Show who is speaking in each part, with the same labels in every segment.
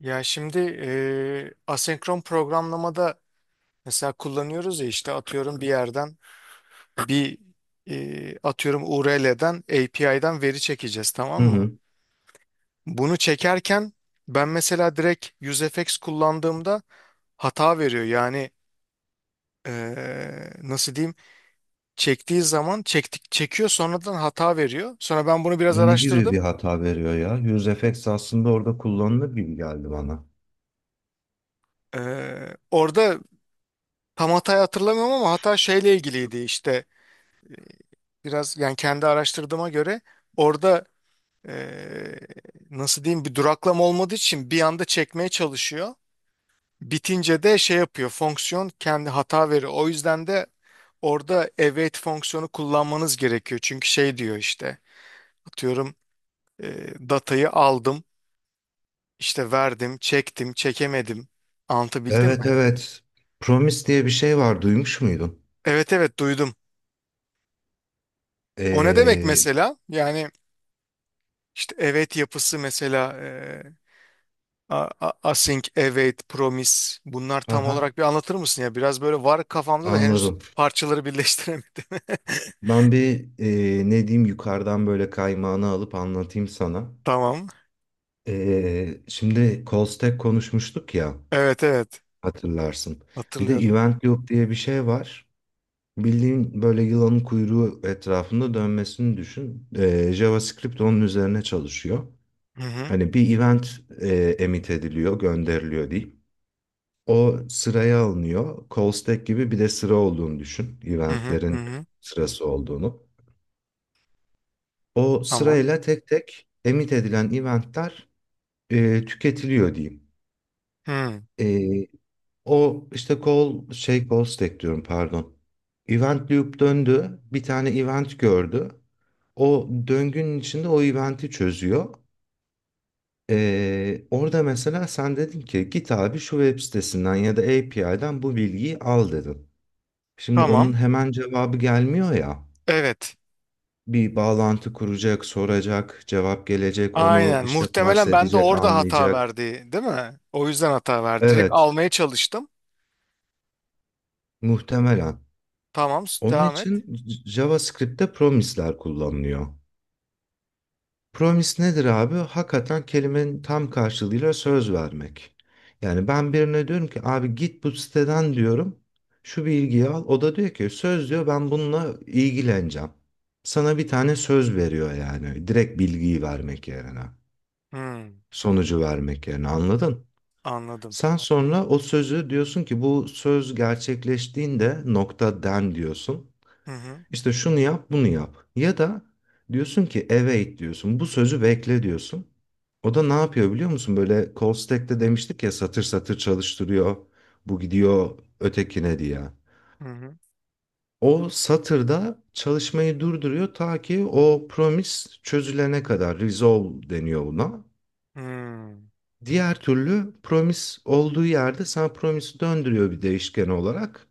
Speaker 1: Ya şimdi asenkron programlamada mesela kullanıyoruz ya işte atıyorum bir yerden bir atıyorum URL'den API'den veri çekeceğiz,
Speaker 2: Hı
Speaker 1: tamam mı?
Speaker 2: hı.
Speaker 1: Bunu çekerken ben mesela direkt UseFX kullandığımda hata veriyor. Nasıl diyeyim, çektiği zaman çekiyor, sonradan hata veriyor. Sonra ben bunu biraz
Speaker 2: Ne gibi bir
Speaker 1: araştırdım.
Speaker 2: hata veriyor ya? HughesFX aslında orada kullanılır gibi geldi bana.
Speaker 1: Orada tam hatayı hatırlamıyorum ama hata şeyle ilgiliydi işte. Biraz yani kendi araştırdığıma göre orada eee, nasıl diyeyim, bir duraklama olmadığı için bir anda çekmeye çalışıyor. Bitince de şey yapıyor, fonksiyon kendi hata veriyor. O yüzden de orada await fonksiyonu kullanmanız gerekiyor. Çünkü şey diyor işte, atıyorum, datayı aldım işte, verdim, çektim, çekemedim, anlatabildim
Speaker 2: Evet
Speaker 1: mi?
Speaker 2: evet. Promise diye bir şey var. Duymuş muydun?
Speaker 1: Evet, evet duydum. O ne demek
Speaker 2: Ee,
Speaker 1: mesela? Yani işte evet, yapısı mesela Async, Await, Promise, bunlar tam
Speaker 2: aha
Speaker 1: olarak bir anlatır mısın ya? Biraz böyle var kafamda da henüz
Speaker 2: anladım.
Speaker 1: parçaları birleştiremedim.
Speaker 2: Ben bir ne diyeyim yukarıdan böyle kaymağını alıp anlatayım sana.
Speaker 1: Tamam.
Speaker 2: Şimdi call stack konuşmuştuk ya
Speaker 1: Evet, evet.
Speaker 2: hatırlarsın. Bir de
Speaker 1: Hatırlıyorum.
Speaker 2: event loop diye bir şey var. Bildiğin böyle yılanın kuyruğu etrafında dönmesini düşün. JavaScript onun üzerine çalışıyor.
Speaker 1: Hı hı.
Speaker 2: Hani bir event emit ediliyor, gönderiliyor diyeyim. O sıraya alınıyor. Call stack gibi bir de sıra olduğunu düşün.
Speaker 1: Hı hı. Hı
Speaker 2: Eventlerin
Speaker 1: hı.
Speaker 2: sırası olduğunu. O
Speaker 1: Tamam.
Speaker 2: sırayla tek tek emit edilen eventler tüketiliyor diyeyim.
Speaker 1: Hı.
Speaker 2: E, o işte call stack diyorum pardon. Event loop döndü. Bir tane event gördü. O döngünün içinde o eventi çözüyor. Orada mesela sen dedin ki git abi şu web sitesinden ya da API'den bu bilgiyi al dedin. Şimdi onun
Speaker 1: Tamam.
Speaker 2: hemen cevabı gelmiyor ya.
Speaker 1: Evet.
Speaker 2: Bir bağlantı kuracak, soracak, cevap gelecek, onu
Speaker 1: Aynen.
Speaker 2: işte parse
Speaker 1: Muhtemelen ben de
Speaker 2: edecek,
Speaker 1: orada hata
Speaker 2: anlayacak.
Speaker 1: verdi, değil mi? O yüzden hata verdi. Direkt
Speaker 2: Evet,
Speaker 1: almaya çalıştım.
Speaker 2: muhtemelen.
Speaker 1: Tamam.
Speaker 2: Onun
Speaker 1: Devam et.
Speaker 2: için JavaScript'te promisler kullanılıyor. Promise nedir abi? Hakikaten kelimenin tam karşılığıyla söz vermek. Yani ben birine diyorum ki abi git bu siteden diyorum. Şu bilgiyi al. O da diyor ki söz diyor ben bununla ilgileneceğim. Sana bir tane söz veriyor yani. Direkt bilgiyi vermek yerine.
Speaker 1: Hı.
Speaker 2: Sonucu vermek yerine anladın?
Speaker 1: Anladım.
Speaker 2: Sen sonra o sözü diyorsun ki bu söz gerçekleştiğinde nokta den diyorsun.
Speaker 1: Hı hı.
Speaker 2: İşte şunu yap, bunu yap. Ya da diyorsun ki await diyorsun. Bu sözü bekle diyorsun. O da ne yapıyor biliyor musun? Böyle call stack'te demiştik ya satır satır çalıştırıyor. Bu gidiyor ötekine diye.
Speaker 1: Hı hı.
Speaker 2: O satırda çalışmayı durduruyor ta ki o promise çözülene kadar. Resolve deniyor buna.
Speaker 1: Hı.
Speaker 2: Diğer türlü promise olduğu yerde sana promise'i döndürüyor bir değişken olarak.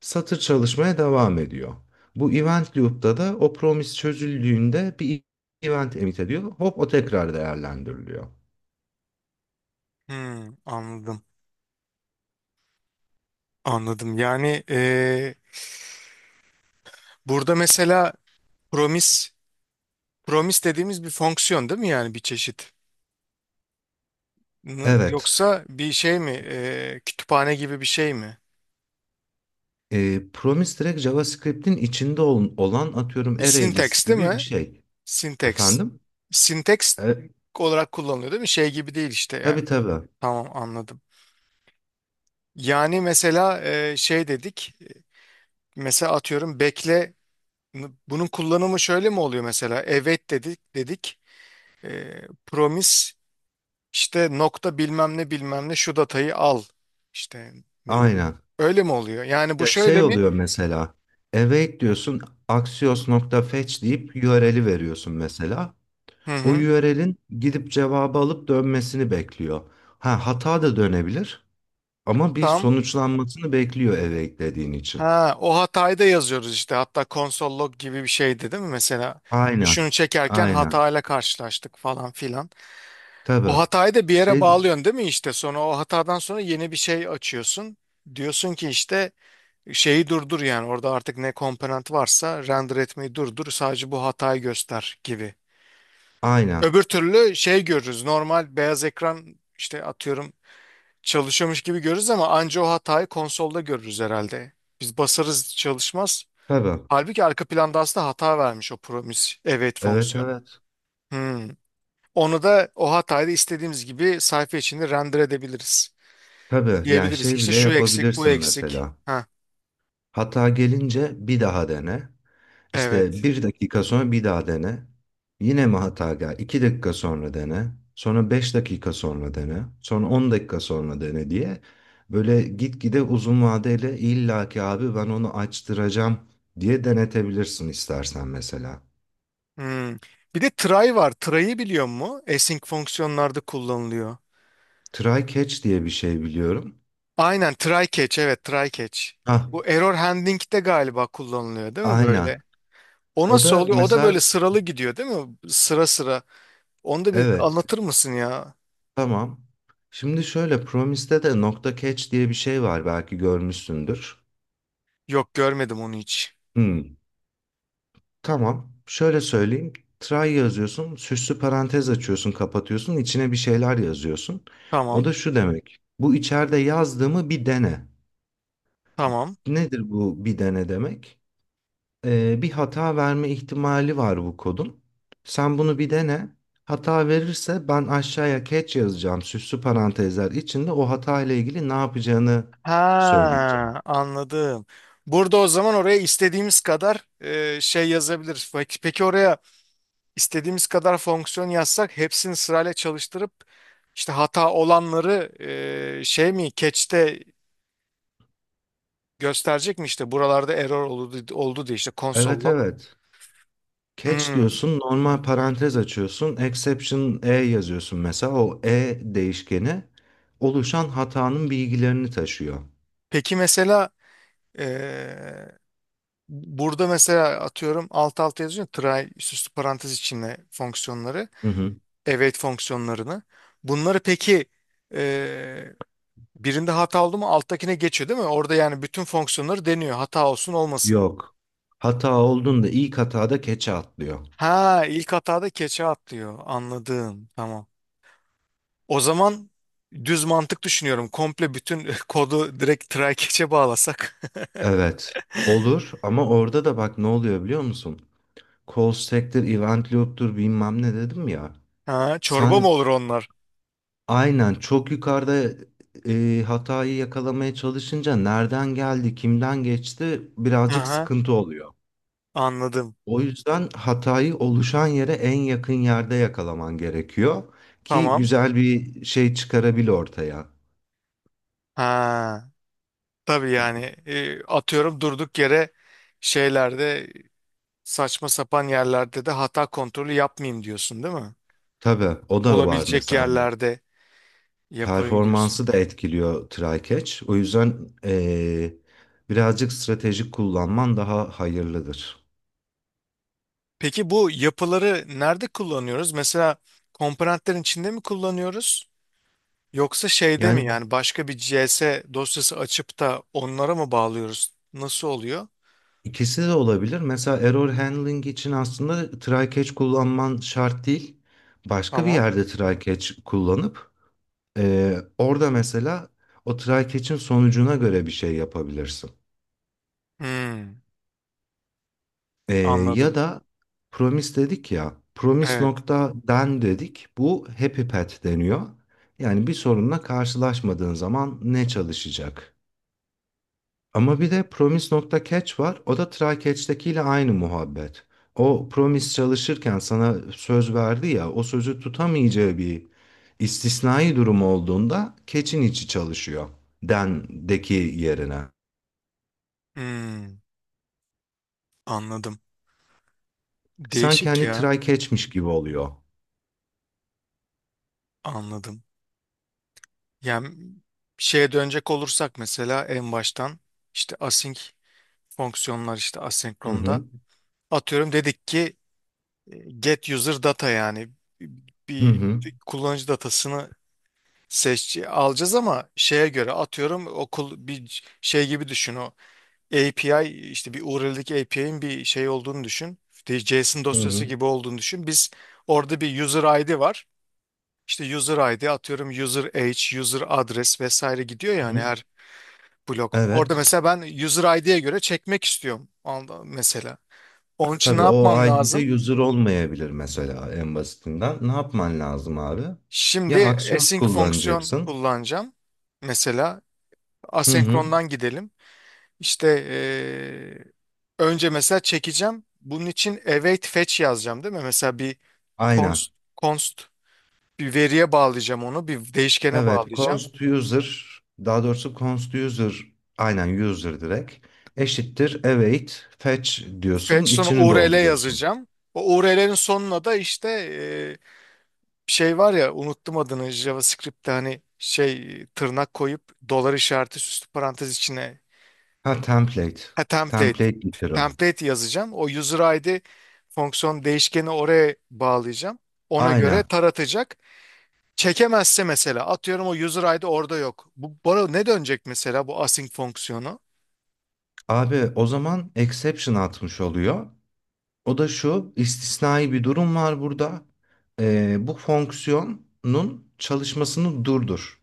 Speaker 2: Satır çalışmaya devam ediyor. Bu event loop'ta da o promise çözüldüğünde bir event emit ediyor. Hop o tekrar değerlendiriliyor.
Speaker 1: Hı. Anladım. Anladım. Burada mesela promise, promise dediğimiz bir fonksiyon değil mi yani, bir çeşit?
Speaker 2: Evet.
Speaker 1: Yoksa bir şey mi? E, kütüphane gibi bir şey mi?
Speaker 2: Promise direkt JavaScript'in içinde olan atıyorum
Speaker 1: Bir
Speaker 2: array list
Speaker 1: syntax değil
Speaker 2: gibi bir
Speaker 1: mi?
Speaker 2: şey.
Speaker 1: Syntax.
Speaker 2: Efendim?
Speaker 1: Syntax
Speaker 2: E,
Speaker 1: olarak kullanılıyor değil mi? Şey gibi değil işte yani.
Speaker 2: tabii tabii.
Speaker 1: Tamam, anladım. Yani mesela e, şey dedik. E, mesela atıyorum bekle. Bunun kullanımı şöyle mi oluyor mesela? Evet, dedik. E, promise İşte nokta bilmem ne bilmem ne, şu datayı al. İşte ne bileyim.
Speaker 2: Aynen.
Speaker 1: Öyle mi oluyor? Yani bu
Speaker 2: Ya şey
Speaker 1: şöyle mi?
Speaker 2: oluyor mesela. Await diyorsun axios.fetch deyip URL'i veriyorsun mesela.
Speaker 1: Hı
Speaker 2: O
Speaker 1: hı.
Speaker 2: URL'in gidip cevabı alıp dönmesini bekliyor. Ha hata da dönebilir. Ama bir
Speaker 1: Tam.
Speaker 2: sonuçlanmasını bekliyor eve eklediğin için.
Speaker 1: Ha, o hatayı da yazıyoruz işte. Hatta console log gibi bir şeydi değil mi? Mesela
Speaker 2: Aynen.
Speaker 1: düşünü çekerken
Speaker 2: Aynen.
Speaker 1: hatayla karşılaştık falan filan. O
Speaker 2: Tabii.
Speaker 1: hatayı da bir yere
Speaker 2: Şey
Speaker 1: bağlıyorsun değil mi işte? Sonra o hatadan sonra yeni bir şey açıyorsun. Diyorsun ki işte, şeyi durdur, yani orada artık ne komponent varsa render etmeyi durdur, sadece bu hatayı göster gibi.
Speaker 2: aynen.
Speaker 1: Öbür türlü şey görürüz. Normal beyaz ekran işte atıyorum çalışıyormuş gibi görürüz ama anca o hatayı konsolda görürüz herhalde. Biz basarız, çalışmaz.
Speaker 2: Tabii.
Speaker 1: Halbuki arka planda aslında hata vermiş o promise await
Speaker 2: Evet
Speaker 1: fonksiyonu.
Speaker 2: evet.
Speaker 1: Hmm. Onu da, o hatayı da istediğimiz gibi sayfa içinde render edebiliriz.
Speaker 2: Tabii. Yani
Speaker 1: Diyebiliriz ki
Speaker 2: şey
Speaker 1: işte
Speaker 2: bile
Speaker 1: şu eksik, bu
Speaker 2: yapabilirsin
Speaker 1: eksik.
Speaker 2: mesela.
Speaker 1: Ha,
Speaker 2: Hata gelince bir daha dene. İşte
Speaker 1: evet.
Speaker 2: bir dakika sonra bir daha dene. Yine mi hata gel? İki dakika sonra dene. Sonra beş dakika sonra dene. Sonra on dakika sonra dene diye. Böyle gitgide uzun vadeli illaki abi ben onu açtıracağım diye denetebilirsin istersen mesela.
Speaker 1: Hmm. Bir de try var. Try'ı biliyor mu? Async fonksiyonlarda kullanılıyor.
Speaker 2: Try catch diye bir şey biliyorum.
Speaker 1: Aynen, try catch, evet, try catch.
Speaker 2: Hah,
Speaker 1: Bu error handling de galiba kullanılıyor değil mi
Speaker 2: aynen.
Speaker 1: böyle? O
Speaker 2: O
Speaker 1: nasıl
Speaker 2: da
Speaker 1: oluyor? O da
Speaker 2: mesela
Speaker 1: böyle sıralı gidiyor değil mi? Sıra sıra. Onu da bir
Speaker 2: evet
Speaker 1: anlatır mısın ya?
Speaker 2: tamam. Şimdi şöyle Promise'de de nokta catch diye bir şey var belki görmüşsündür.
Speaker 1: Yok, görmedim onu hiç.
Speaker 2: Hmm, tamam. Şöyle söyleyeyim. Try yazıyorsun, süslü parantez açıyorsun, kapatıyorsun, içine bir şeyler yazıyorsun. O
Speaker 1: Tamam,
Speaker 2: da şu demek. Bu içeride yazdığımı bir dene.
Speaker 1: tamam.
Speaker 2: Nedir bu bir dene demek? Bir hata verme ihtimali var bu kodun. Sen bunu bir dene. Hata verirse ben aşağıya catch yazacağım. Süslü parantezler içinde o hata ile ilgili ne yapacağını
Speaker 1: Ha,
Speaker 2: söyleyeceğim.
Speaker 1: anladım. Burada o zaman oraya istediğimiz kadar e, şey yazabiliriz. Peki, peki oraya istediğimiz kadar fonksiyon yazsak hepsini sırayla çalıştırıp işte hata olanları e, şey mi, catch'te gösterecek mi işte, buralarda error oldu, oldu diye işte console
Speaker 2: Evet
Speaker 1: log.
Speaker 2: evet. Catch
Speaker 1: Hmm.
Speaker 2: diyorsun, normal parantez açıyorsun, exception e yazıyorsun mesela. O e değişkeni oluşan hatanın bilgilerini taşıyor.
Speaker 1: Peki mesela eee, burada mesela atıyorum alt alta yazıyor try süslü parantez içinde fonksiyonları,
Speaker 2: Hı hı.
Speaker 1: await fonksiyonlarını. Bunları peki eee, birinde hata oldu mu alttakine geçiyor değil mi? Orada yani bütün fonksiyonları deniyor hata olsun olmasın.
Speaker 2: Yok. Hata olduğunda ilk hatada keçe atlıyor.
Speaker 1: Ha, ilk hatada keçe atlıyor, anladım, tamam. O zaman düz mantık düşünüyorum, komple bütün kodu direkt try keçe bağlasak.
Speaker 2: Evet. Olur ama orada da bak ne oluyor biliyor musun? Call stack'tir, event loop'tur bilmem ne dedim ya.
Speaker 1: Ha, çorba
Speaker 2: Sen
Speaker 1: mı olur onlar?
Speaker 2: aynen çok yukarıda hatayı yakalamaya çalışınca nereden geldi, kimden geçti birazcık
Speaker 1: Aha,
Speaker 2: sıkıntı oluyor.
Speaker 1: anladım.
Speaker 2: O yüzden hatayı oluşan yere en yakın yerde yakalaman gerekiyor ki
Speaker 1: Tamam.
Speaker 2: güzel bir şey çıkarabil ortaya.
Speaker 1: Ha, tabii yani e, atıyorum durduk yere şeylerde, saçma sapan yerlerde de hata kontrolü yapmayayım diyorsun değil mi?
Speaker 2: Tabii o da var
Speaker 1: Olabilecek
Speaker 2: mesela. Hani
Speaker 1: yerlerde yapayım diyorsun.
Speaker 2: performansı da etkiliyor try catch. O yüzden birazcık stratejik kullanman daha hayırlıdır.
Speaker 1: Peki bu yapıları nerede kullanıyoruz? Mesela komponentlerin içinde mi kullanıyoruz? Yoksa şeyde mi
Speaker 2: Yani
Speaker 1: yani, başka bir C/S dosyası açıp da onlara mı bağlıyoruz? Nasıl oluyor?
Speaker 2: ikisi de olabilir. Mesela error handling için aslında try catch kullanman şart değil. Başka bir
Speaker 1: Tamam.
Speaker 2: yerde try catch kullanıp. Orada mesela o try catch'in sonucuna göre bir şey yapabilirsin.
Speaker 1: Hmm,
Speaker 2: Ee, ya
Speaker 1: anladım.
Speaker 2: da promise dedik ya, promise
Speaker 1: Evet.
Speaker 2: nokta den dedik. Bu happy path deniyor. Yani bir sorunla karşılaşmadığın zaman ne çalışacak? Ama bir de promise nokta catch var. O da try catch'tekiyle aynı muhabbet. O promise çalışırken sana söz verdi ya, o sözü tutamayacağı bir istisnai durum olduğunda catch'in içi çalışıyor den'deki yerine.
Speaker 1: Hmm, anladım.
Speaker 2: Sanki
Speaker 1: Değişik
Speaker 2: hani
Speaker 1: ya.
Speaker 2: try catch'miş gibi oluyor.
Speaker 1: Anladım. Yani şeye dönecek olursak, mesela en baştan işte async fonksiyonlar, işte
Speaker 2: Hı
Speaker 1: asenkronda
Speaker 2: hı.
Speaker 1: atıyorum dedik ki e, get user data, yani
Speaker 2: Hı
Speaker 1: bir
Speaker 2: hı.
Speaker 1: kullanıcı datasını seç alacağız ama şeye göre atıyorum okul bir şey gibi düşün, o API işte bir URL'deki API'nin bir şey olduğunu düşün. İşte JSON
Speaker 2: Hı
Speaker 1: dosyası
Speaker 2: hı.
Speaker 1: gibi olduğunu düşün. Biz orada bir user ID var. İşte user ID atıyorum, user age, user adres vesaire gidiyor
Speaker 2: Hı
Speaker 1: yani
Speaker 2: hı.
Speaker 1: her blok. Orada
Speaker 2: Evet.
Speaker 1: mesela ben user ID'ye göre çekmek istiyorum, mesela. Onun için ne
Speaker 2: Tabii o
Speaker 1: yapmam
Speaker 2: ID'de
Speaker 1: lazım?
Speaker 2: user olmayabilir mesela en basitinden. Ne yapman lazım abi?
Speaker 1: Şimdi
Speaker 2: Ya aksiyon
Speaker 1: async fonksiyon
Speaker 2: kullanacaksın.
Speaker 1: kullanacağım. Mesela
Speaker 2: Hı hı.
Speaker 1: asenkrondan gidelim. İşte, önce mesela çekeceğim. Bunun için await fetch yazacağım değil mi? Mesela bir
Speaker 2: Aynen.
Speaker 1: const, const bir veriye bağlayacağım onu, bir değişkene
Speaker 2: Evet.
Speaker 1: bağlayacağım.
Speaker 2: Const user daha doğrusu const user aynen user direkt eşittir await fetch
Speaker 1: Fetch
Speaker 2: diyorsun.
Speaker 1: sonra
Speaker 2: İçini
Speaker 1: URL
Speaker 2: dolduruyorsun.
Speaker 1: yazacağım. O URL'lerin sonuna da işte e, şey var ya, unuttum adını, JavaScript'te hani şey tırnak koyup dolar işareti süslü parantez içine,
Speaker 2: Ha template.
Speaker 1: ha,
Speaker 2: Template literal.
Speaker 1: template yazacağım. O user ID fonksiyon değişkeni oraya bağlayacağım. Ona göre
Speaker 2: Aynen.
Speaker 1: taratacak. Çekemezse mesela atıyorum o user ID orada yok. Bu bana ne dönecek mesela, bu async fonksiyonu?
Speaker 2: Abi o zaman exception atmış oluyor. O da şu istisnai bir durum var burada. Bu fonksiyonun çalışmasını durdur.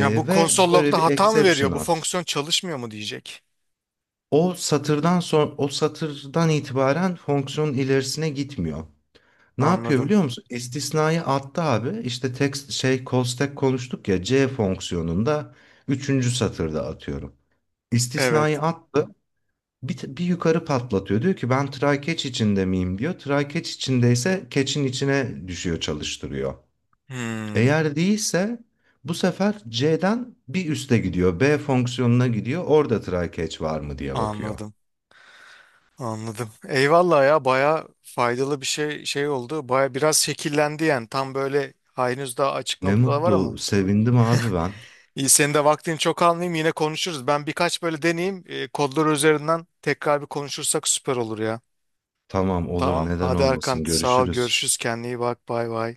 Speaker 1: Ya bu
Speaker 2: Ve
Speaker 1: konsol
Speaker 2: böyle
Speaker 1: log'da
Speaker 2: bir
Speaker 1: hata mı veriyor?
Speaker 2: exception
Speaker 1: Bu
Speaker 2: at.
Speaker 1: fonksiyon çalışmıyor mu diyecek.
Speaker 2: O satırdan itibaren fonksiyonun ilerisine gitmiyor. Ne yapıyor
Speaker 1: Anladım.
Speaker 2: biliyor musun? İstisnayı attı abi. İşte text şey call stack konuştuk ya C fonksiyonunda üçüncü satırda atıyorum. İstisnayı
Speaker 1: Evet.
Speaker 2: attı. Bir yukarı patlatıyor. Diyor ki ben try-catch içinde miyim diyor. Try-catch içindeyse catch'in içine düşüyor çalıştırıyor.
Speaker 1: Hmm,
Speaker 2: Eğer değilse bu sefer C'den bir üste gidiyor. B fonksiyonuna gidiyor. Orada try-catch var mı diye bakıyor.
Speaker 1: anladım. Anladım. Eyvallah ya, baya faydalı bir şey oldu. Baya biraz şekillendi yani. Tam böyle henüz daha açık
Speaker 2: Ne
Speaker 1: noktalar var ama.
Speaker 2: mutlu, sevindim abi ben.
Speaker 1: İyi, senin de vaktini çok almayayım, yine konuşuruz. Ben birkaç böyle deneyeyim. E, kodlar üzerinden tekrar bir konuşursak süper olur ya.
Speaker 2: Tamam olur
Speaker 1: Tamam.
Speaker 2: neden
Speaker 1: Hadi Erkan,
Speaker 2: olmasın
Speaker 1: sağ ol.
Speaker 2: görüşürüz.
Speaker 1: Görüşürüz. Kendine iyi bak. Bay bay.